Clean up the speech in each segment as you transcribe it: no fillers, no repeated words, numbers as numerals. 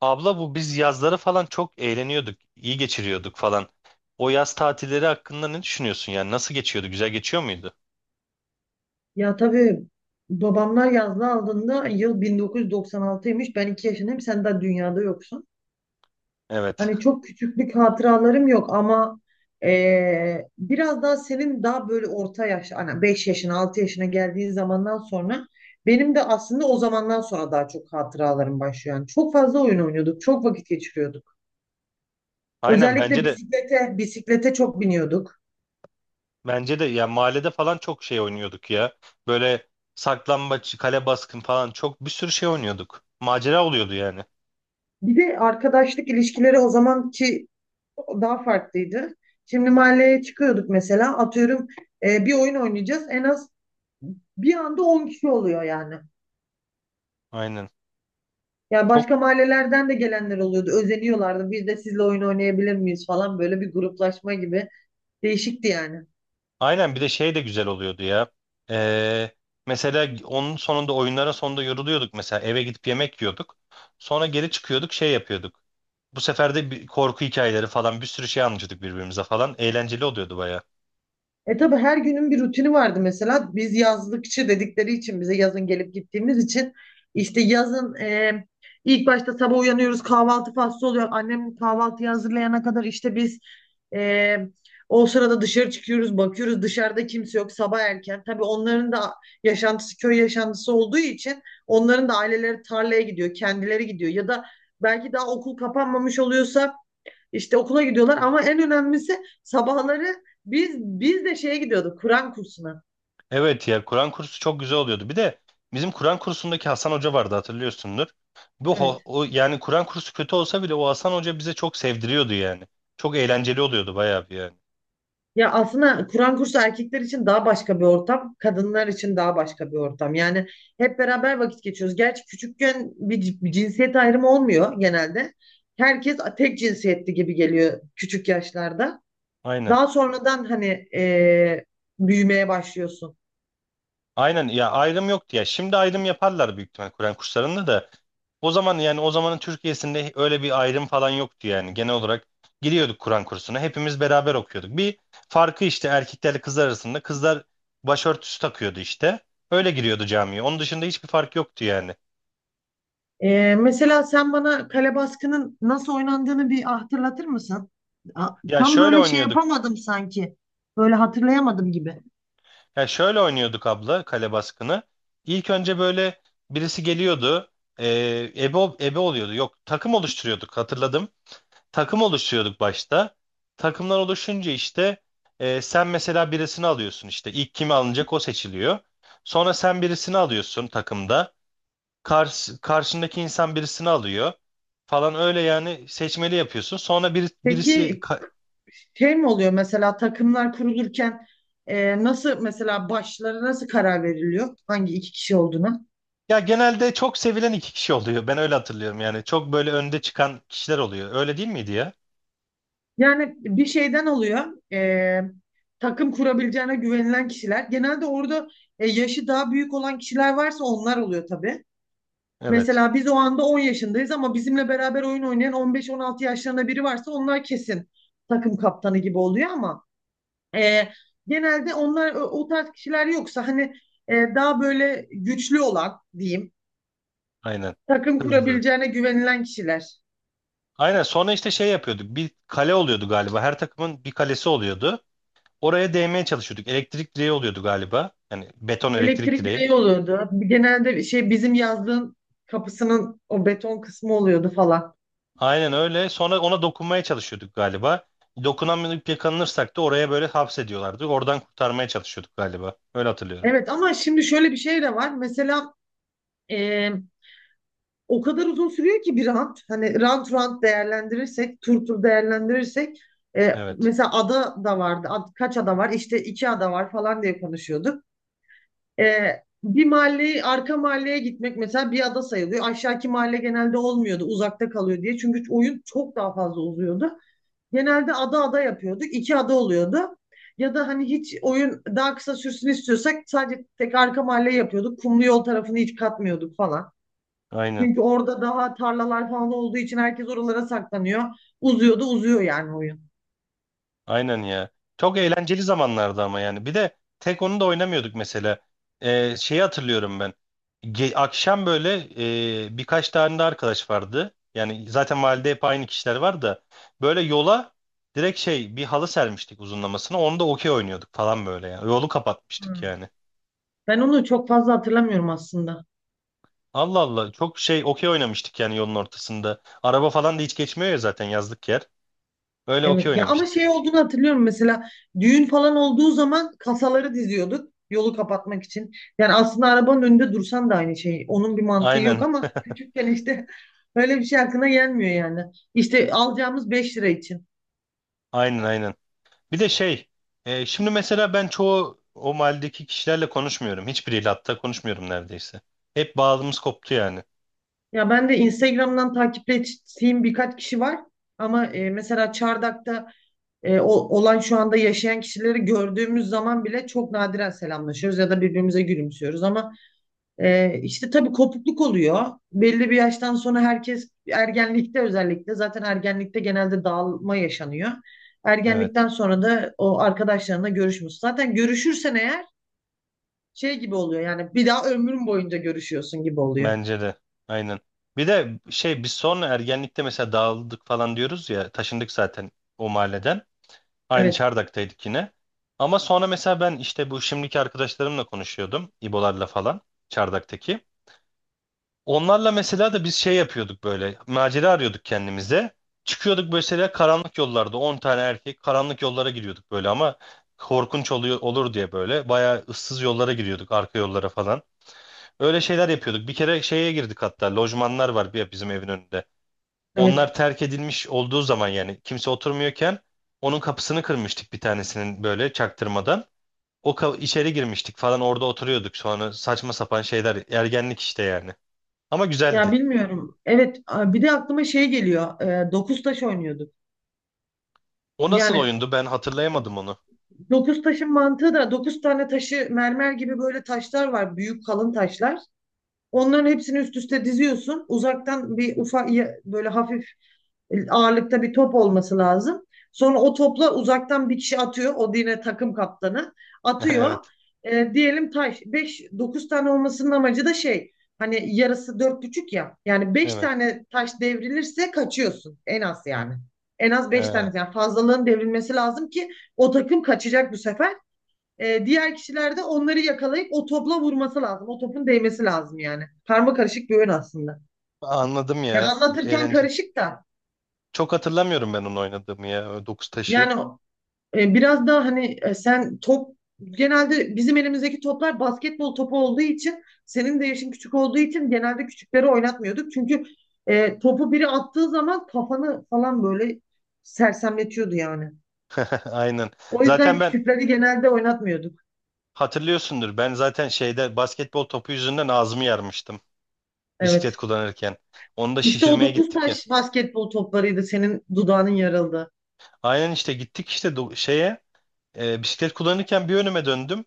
Abla bu biz yazları falan çok eğleniyorduk, iyi geçiriyorduk falan. O yaz tatilleri hakkında ne düşünüyorsun yani? Nasıl geçiyordu? Güzel geçiyor muydu? Ya tabii babamlar yazda aldığında yıl 1996'ymış. Ben 2 yaşındayım. Sen daha dünyada yoksun. Evet. Hani çok küçüklük hatıralarım yok ama biraz daha senin daha böyle orta yaş, hani 5 yaşına 6 yaşına geldiğin zamandan sonra benim de aslında o zamandan sonra daha çok hatıralarım başlıyor. Yani çok fazla oyun oynuyorduk. Çok vakit geçiriyorduk. Aynen Özellikle bence de bisiklete çok biniyorduk. bence de. Ya mahallede falan çok şey oynuyorduk ya. Böyle saklambaç, kale baskın falan çok bir sürü şey oynuyorduk. Macera oluyordu yani. Bir de arkadaşlık ilişkileri o zamanki daha farklıydı. Şimdi mahalleye çıkıyorduk, mesela atıyorum bir oyun oynayacağız. En az bir anda 10 kişi oluyor yani. Aynen. Yani Çok başka mahallelerden de gelenler oluyordu. Özeniyorlardı. Biz de sizle oyun oynayabilir miyiz falan, böyle bir gruplaşma gibi. Değişikti yani. aynen, bir de şey de güzel oluyordu ya. Ee, Mesela onun sonunda, oyunların sonunda yoruluyorduk, mesela eve gidip yemek yiyorduk. Sonra geri çıkıyorduk, şey yapıyorduk. Bu sefer de bir korku hikayeleri falan bir sürü şey anlatıyorduk birbirimize falan. Eğlenceli oluyordu baya. E tabii her günün bir rutini vardı mesela. Biz yazlıkçı dedikleri için, bize yazın gelip gittiğimiz için işte yazın, ilk başta sabah uyanıyoruz, kahvaltı faslı oluyor. Annem kahvaltıyı hazırlayana kadar işte biz, e, o sırada dışarı çıkıyoruz, bakıyoruz dışarıda kimse yok, sabah erken. Tabii onların da yaşantısı köy yaşantısı olduğu için onların da aileleri tarlaya gidiyor, kendileri gidiyor ya da belki daha okul kapanmamış oluyorsa işte okula gidiyorlar ama en önemlisi sabahları biz de şeye gidiyorduk, Kur'an kursuna. Evet ya, Kur'an kursu çok güzel oluyordu. Bir de bizim Kur'an kursundaki Hasan Hoca vardı, hatırlıyorsundur. Evet. Yani Kur'an kursu kötü olsa bile o Hasan Hoca bize çok sevdiriyordu yani. Çok eğlenceli oluyordu bayağı bir yani. Ya aslında Kur'an kursu erkekler için daha başka bir ortam, kadınlar için daha başka bir ortam. Yani hep beraber vakit geçiyoruz. Gerçi küçükken bir cinsiyet ayrımı olmuyor genelde. Herkes tek cinsiyetli gibi geliyor küçük yaşlarda. Aynen. Daha sonradan hani e, büyümeye başlıyorsun. Aynen ya, ayrım yoktu ya. Şimdi ayrım yaparlar büyük ihtimal Kur'an kurslarında da. O zaman, yani o zamanın Türkiye'sinde öyle bir ayrım falan yoktu yani. Genel olarak giriyorduk Kur'an kursuna. Hepimiz beraber okuyorduk. Bir farkı işte erkeklerle kızlar arasında. Kızlar başörtüsü takıyordu işte. Öyle giriyordu camiye. Onun dışında hiçbir fark yoktu yani. Mesela sen bana kale baskının nasıl oynandığını bir hatırlatır mısın? A- Ya Tam şöyle böyle şey oynuyorduk. yapamadım sanki. Böyle hatırlayamadım gibi. Ya şöyle oynuyorduk abla, kale baskını. İlk önce böyle birisi geliyordu. Ebe oluyordu. Yok, takım oluşturuyorduk, hatırladım. Takım oluşturuyorduk başta. Takımlar oluşunca işte sen mesela birisini alıyorsun, işte ilk kimi alınacak o seçiliyor. Sonra sen birisini alıyorsun takımda. Karşındaki insan birisini alıyor falan, öyle yani seçmeli yapıyorsun. Sonra birisi Peki şey mi oluyor, mesela takımlar kurulurken nasıl, mesela başlara nasıl karar veriliyor? Hangi iki kişi olduğuna? ya genelde çok sevilen iki kişi oluyor. Ben öyle hatırlıyorum yani. Çok böyle önde çıkan kişiler oluyor. Öyle değil miydi ya? Yani bir şeyden oluyor. e, Takım kurabileceğine güvenilen kişiler. Genelde orada yaşı daha büyük olan kişiler varsa onlar oluyor tabii. Evet. Mesela biz o anda 10 yaşındayız ama bizimle beraber oyun oynayan 15-16 yaşlarında biri varsa onlar kesin takım kaptanı gibi oluyor ama e, genelde onlar o tarz kişiler yoksa hani daha böyle güçlü olan diyeyim, Aynen. takım Hızlı. kurabileceğine güvenilen kişiler. Aynen, sonra işte şey yapıyorduk. Bir kale oluyordu galiba. Her takımın bir kalesi oluyordu. Oraya değmeye çalışıyorduk. Elektrik direği oluyordu galiba. Yani beton elektrik Elektrik direği. direği oluyordu. Genelde şey, bizim yazdığın kapısının o beton kısmı oluyordu falan. Aynen öyle. Sonra ona dokunmaya çalışıyorduk galiba. Dokunamayıp yakalanırsak da oraya böyle hapsediyorlardı. Oradan kurtarmaya çalışıyorduk galiba. Öyle hatırlıyorum. Evet, ama şimdi şöyle bir şey de var. Mesela e, o kadar uzun sürüyor ki bir rant. Hani rant değerlendirirsek, tur değerlendirirsek Evet. mesela ada da vardı. Kaç ada var? İşte iki ada var falan diye konuşuyorduk. E, Bir mahalleyi, arka mahalleye gitmek mesela bir ada sayılıyor. Aşağıki mahalle genelde olmuyordu. Uzakta kalıyor diye. Çünkü oyun çok daha fazla uzuyordu. Genelde ada ada yapıyorduk. İki ada oluyordu. Ya da hani hiç oyun daha kısa sürsün istiyorsak sadece tek arka mahalle yapıyorduk. Kumlu yol tarafını hiç katmıyorduk falan. Aynen. Çünkü orada daha tarlalar falan olduğu için herkes oralara saklanıyor. Uzuyor da uzuyor yani oyun. Aynen ya. Çok eğlenceli zamanlardı ama yani. Bir de tek onu da oynamıyorduk mesela. Şeyi hatırlıyorum ben. Akşam böyle birkaç tane de arkadaş vardı. Yani zaten mahallede hep aynı kişiler var da. Böyle yola direkt şey, bir halı sermiştik uzunlamasına. Onu da okey oynuyorduk falan böyle yani. Yolu kapatmıştık Hmm. yani. Ben onu çok fazla hatırlamıyorum aslında. Allah Allah, çok şey, okey oynamıştık yani yolun ortasında. Araba falan da hiç geçmiyor ya, zaten yazlık yer. Öyle okey Evet ya, ama oynamıştık. şey olduğunu hatırlıyorum, mesela düğün falan olduğu zaman kasaları diziyorduk yolu kapatmak için. Yani aslında arabanın önünde dursan da aynı şey. Onun bir mantığı yok Aynen. ama küçükken işte öyle bir şey aklına gelmiyor yani. İşte alacağımız 5 lira için. Aynen aynen. Bir de şey, şimdi mesela ben çoğu o mahalledeki kişilerle konuşmuyorum. Hiçbiriyle hatta konuşmuyorum neredeyse. Hep bağımız koptu yani. Ya ben de Instagram'dan takip ettiğim birkaç kişi var ama mesela Çardak'ta, olan şu anda yaşayan kişileri gördüğümüz zaman bile çok nadiren selamlaşıyoruz ya da birbirimize gülümsüyoruz ama işte tabii kopukluk oluyor. Belli bir yaştan sonra herkes ergenlikte, özellikle zaten ergenlikte genelde dağılma yaşanıyor. Ergenlikten Evet, sonra da o arkadaşlarına görüşmüyorsun. Zaten görüşürsen eğer şey gibi oluyor yani, bir daha ömrün boyunca görüşüyorsun gibi oluyor. bence de. Aynen. Bir de şey, biz sonra ergenlikte mesela dağıldık falan diyoruz ya, taşındık zaten o mahalleden. Aynı Evet, Çardak'taydık yine. Ama sonra mesela ben işte bu şimdiki arkadaşlarımla konuşuyordum, İbolarla falan, Çardak'taki. Onlarla mesela da biz şey yapıyorduk böyle. Macera arıyorduk kendimize. Çıkıyorduk mesela, karanlık yollarda 10 tane erkek karanlık yollara giriyorduk böyle, ama korkunç oluyor, olur diye böyle bayağı ıssız yollara giriyorduk, arka yollara falan. Öyle şeyler yapıyorduk. Bir kere şeye girdik hatta, lojmanlar var bir bizim evin önünde. evet. Onlar terk edilmiş olduğu zaman, yani kimse oturmuyorken onun kapısını kırmıştık bir tanesinin böyle çaktırmadan. İçeri girmiştik falan, orada oturuyorduk, sonra saçma sapan şeyler, ergenlik işte yani. Ama Ya güzeldi. bilmiyorum. Evet, bir de aklıma şey geliyor. Dokuz taş oynuyorduk. O nasıl Yani oyundu? Ben hatırlayamadım onu. dokuz taşın mantığı da, dokuz tane taşı, mermer gibi böyle taşlar var. Büyük kalın taşlar. Onların hepsini üst üste diziyorsun. Uzaktan bir ufak, böyle hafif ağırlıkta bir top olması lazım. Sonra o topla uzaktan bir kişi atıyor. O yine takım kaptanı atıyor. Evet. E, diyelim taş beş, 9 tane olmasının amacı da şey, hani yarısı dört buçuk ya. Yani beş Evet. tane taş devrilirse kaçıyorsun en az yani. En az beş tane, Ee, yani fazlalığın devrilmesi lazım ki o takım kaçacak bu sefer. E, diğer kişiler de onları yakalayıp o topla vurması lazım. O topun değmesi lazım yani. Karma karışık bir oyun aslında. Anladım Ya ya. anlatırken Eğlenceli. karışık da Çok hatırlamıyorum ben onu oynadığımı ya. O dokuz taşı. yani, biraz daha hani, sen top, genelde bizim elimizdeki toplar basketbol topu olduğu için, senin de yaşın küçük olduğu için genelde küçükleri oynatmıyorduk. Çünkü topu biri attığı zaman kafanı falan böyle sersemletiyordu yani. Aynen. O Zaten yüzden ben, küçükleri genelde oynatmıyorduk. hatırlıyorsundur, ben zaten şeyde basketbol topu yüzünden ağzımı yarmıştım. Bisiklet Evet. kullanırken. Onu da İşte o şişirmeye dokuz gittik ya. taş basketbol toplarıydı senin dudağının yarıldığı. Aynen işte gittik işte şeye, bisiklet kullanırken bir önüme döndüm.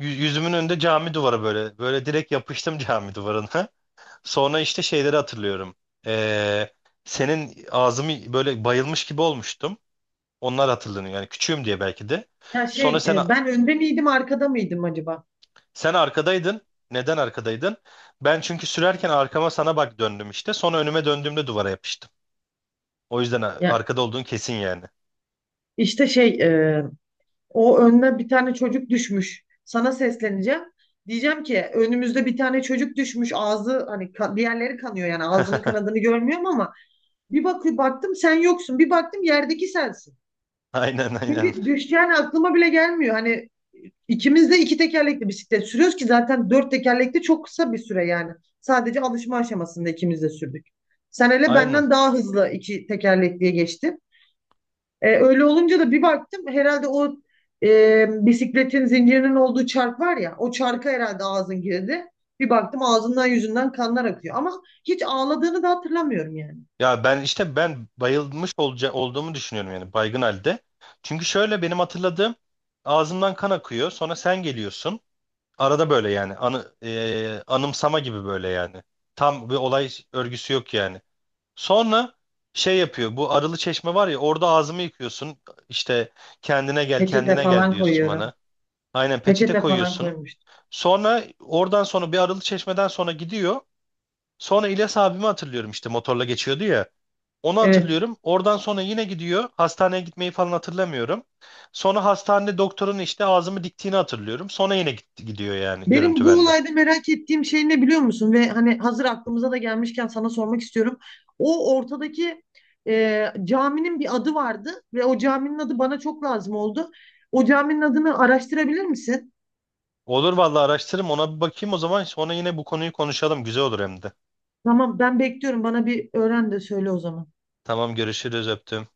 Yüzümün önünde cami duvarı böyle. Böyle direkt yapıştım cami duvarına. Sonra işte şeyleri hatırlıyorum. Ee, Senin ağzımı böyle, bayılmış gibi olmuştum. Onlar hatırlanıyor. Yani küçüğüm diye belki de. Ya Sonra şey ben önde miydim arkada mıydım acaba? sen arkadaydın. Neden arkadaydın? Ben çünkü sürerken arkama sana bak döndüm işte. Sonra önüme döndüğümde duvara yapıştım. O yüzden Ya arkada olduğun kesin yani. işte şey, o önüne bir tane çocuk düşmüş. Sana sesleneceğim. Diyeceğim ki önümüzde bir tane çocuk düşmüş. Ağzı hani, diğerleri kanıyor yani, ağzının kanadını görmüyorum ama bir bakıyor baktım sen yoksun. Bir baktım yerdeki sensin. Aynen aynen. Çünkü düşeceğini aklıma bile gelmiyor. Hani ikimiz de iki tekerlekli bisiklet sürüyoruz ki, zaten dört tekerlekli çok kısa bir süre yani. Sadece alışma aşamasında ikimiz de sürdük. Sen hele Aynen. benden daha hızlı iki tekerlekliye geçtin. Öyle olunca da bir baktım, herhalde o bisikletin zincirinin olduğu çark var ya, o çarka herhalde ağzın girdi. Bir baktım ağzından yüzünden kanlar akıyor. Ama hiç ağladığını da hatırlamıyorum yani. Ya ben işte ben bayılmış olduğumu düşünüyorum yani, baygın halde. Çünkü şöyle benim hatırladığım, ağzımdan kan akıyor. Sonra sen geliyorsun. Arada böyle yani. Anımsama gibi böyle yani. Tam bir olay örgüsü yok yani. Sonra şey yapıyor. Bu Arılı Çeşme var ya, orada ağzımı yıkıyorsun. İşte kendine gel, Peçete kendine gel falan diyorsun koyuyorum. bana. Aynen, peçete Peçete falan koyuyorsun. koymuştum. Sonra oradan sonra bir, Arılı Çeşme'den sonra gidiyor. Sonra İlyas abimi hatırlıyorum, işte motorla geçiyordu ya. Onu Evet. hatırlıyorum. Oradan sonra yine gidiyor. Hastaneye gitmeyi falan hatırlamıyorum. Sonra hastanede doktorun işte ağzımı diktiğini hatırlıyorum. Sonra yine gitti, gidiyor yani Benim görüntü bu bende. olayda merak ettiğim şey ne biliyor musun? Ve hani hazır aklımıza da gelmişken sana sormak istiyorum. O ortadaki caminin bir adı vardı ve o caminin adı bana çok lazım oldu. O caminin adını araştırabilir misin? Olur vallahi, araştırırım, ona bir bakayım. O zaman sonra yine bu konuyu konuşalım, güzel olur hem de. Tamam, ben bekliyorum. Bana bir öğren de söyle o zaman. Tamam, görüşürüz, öptüm.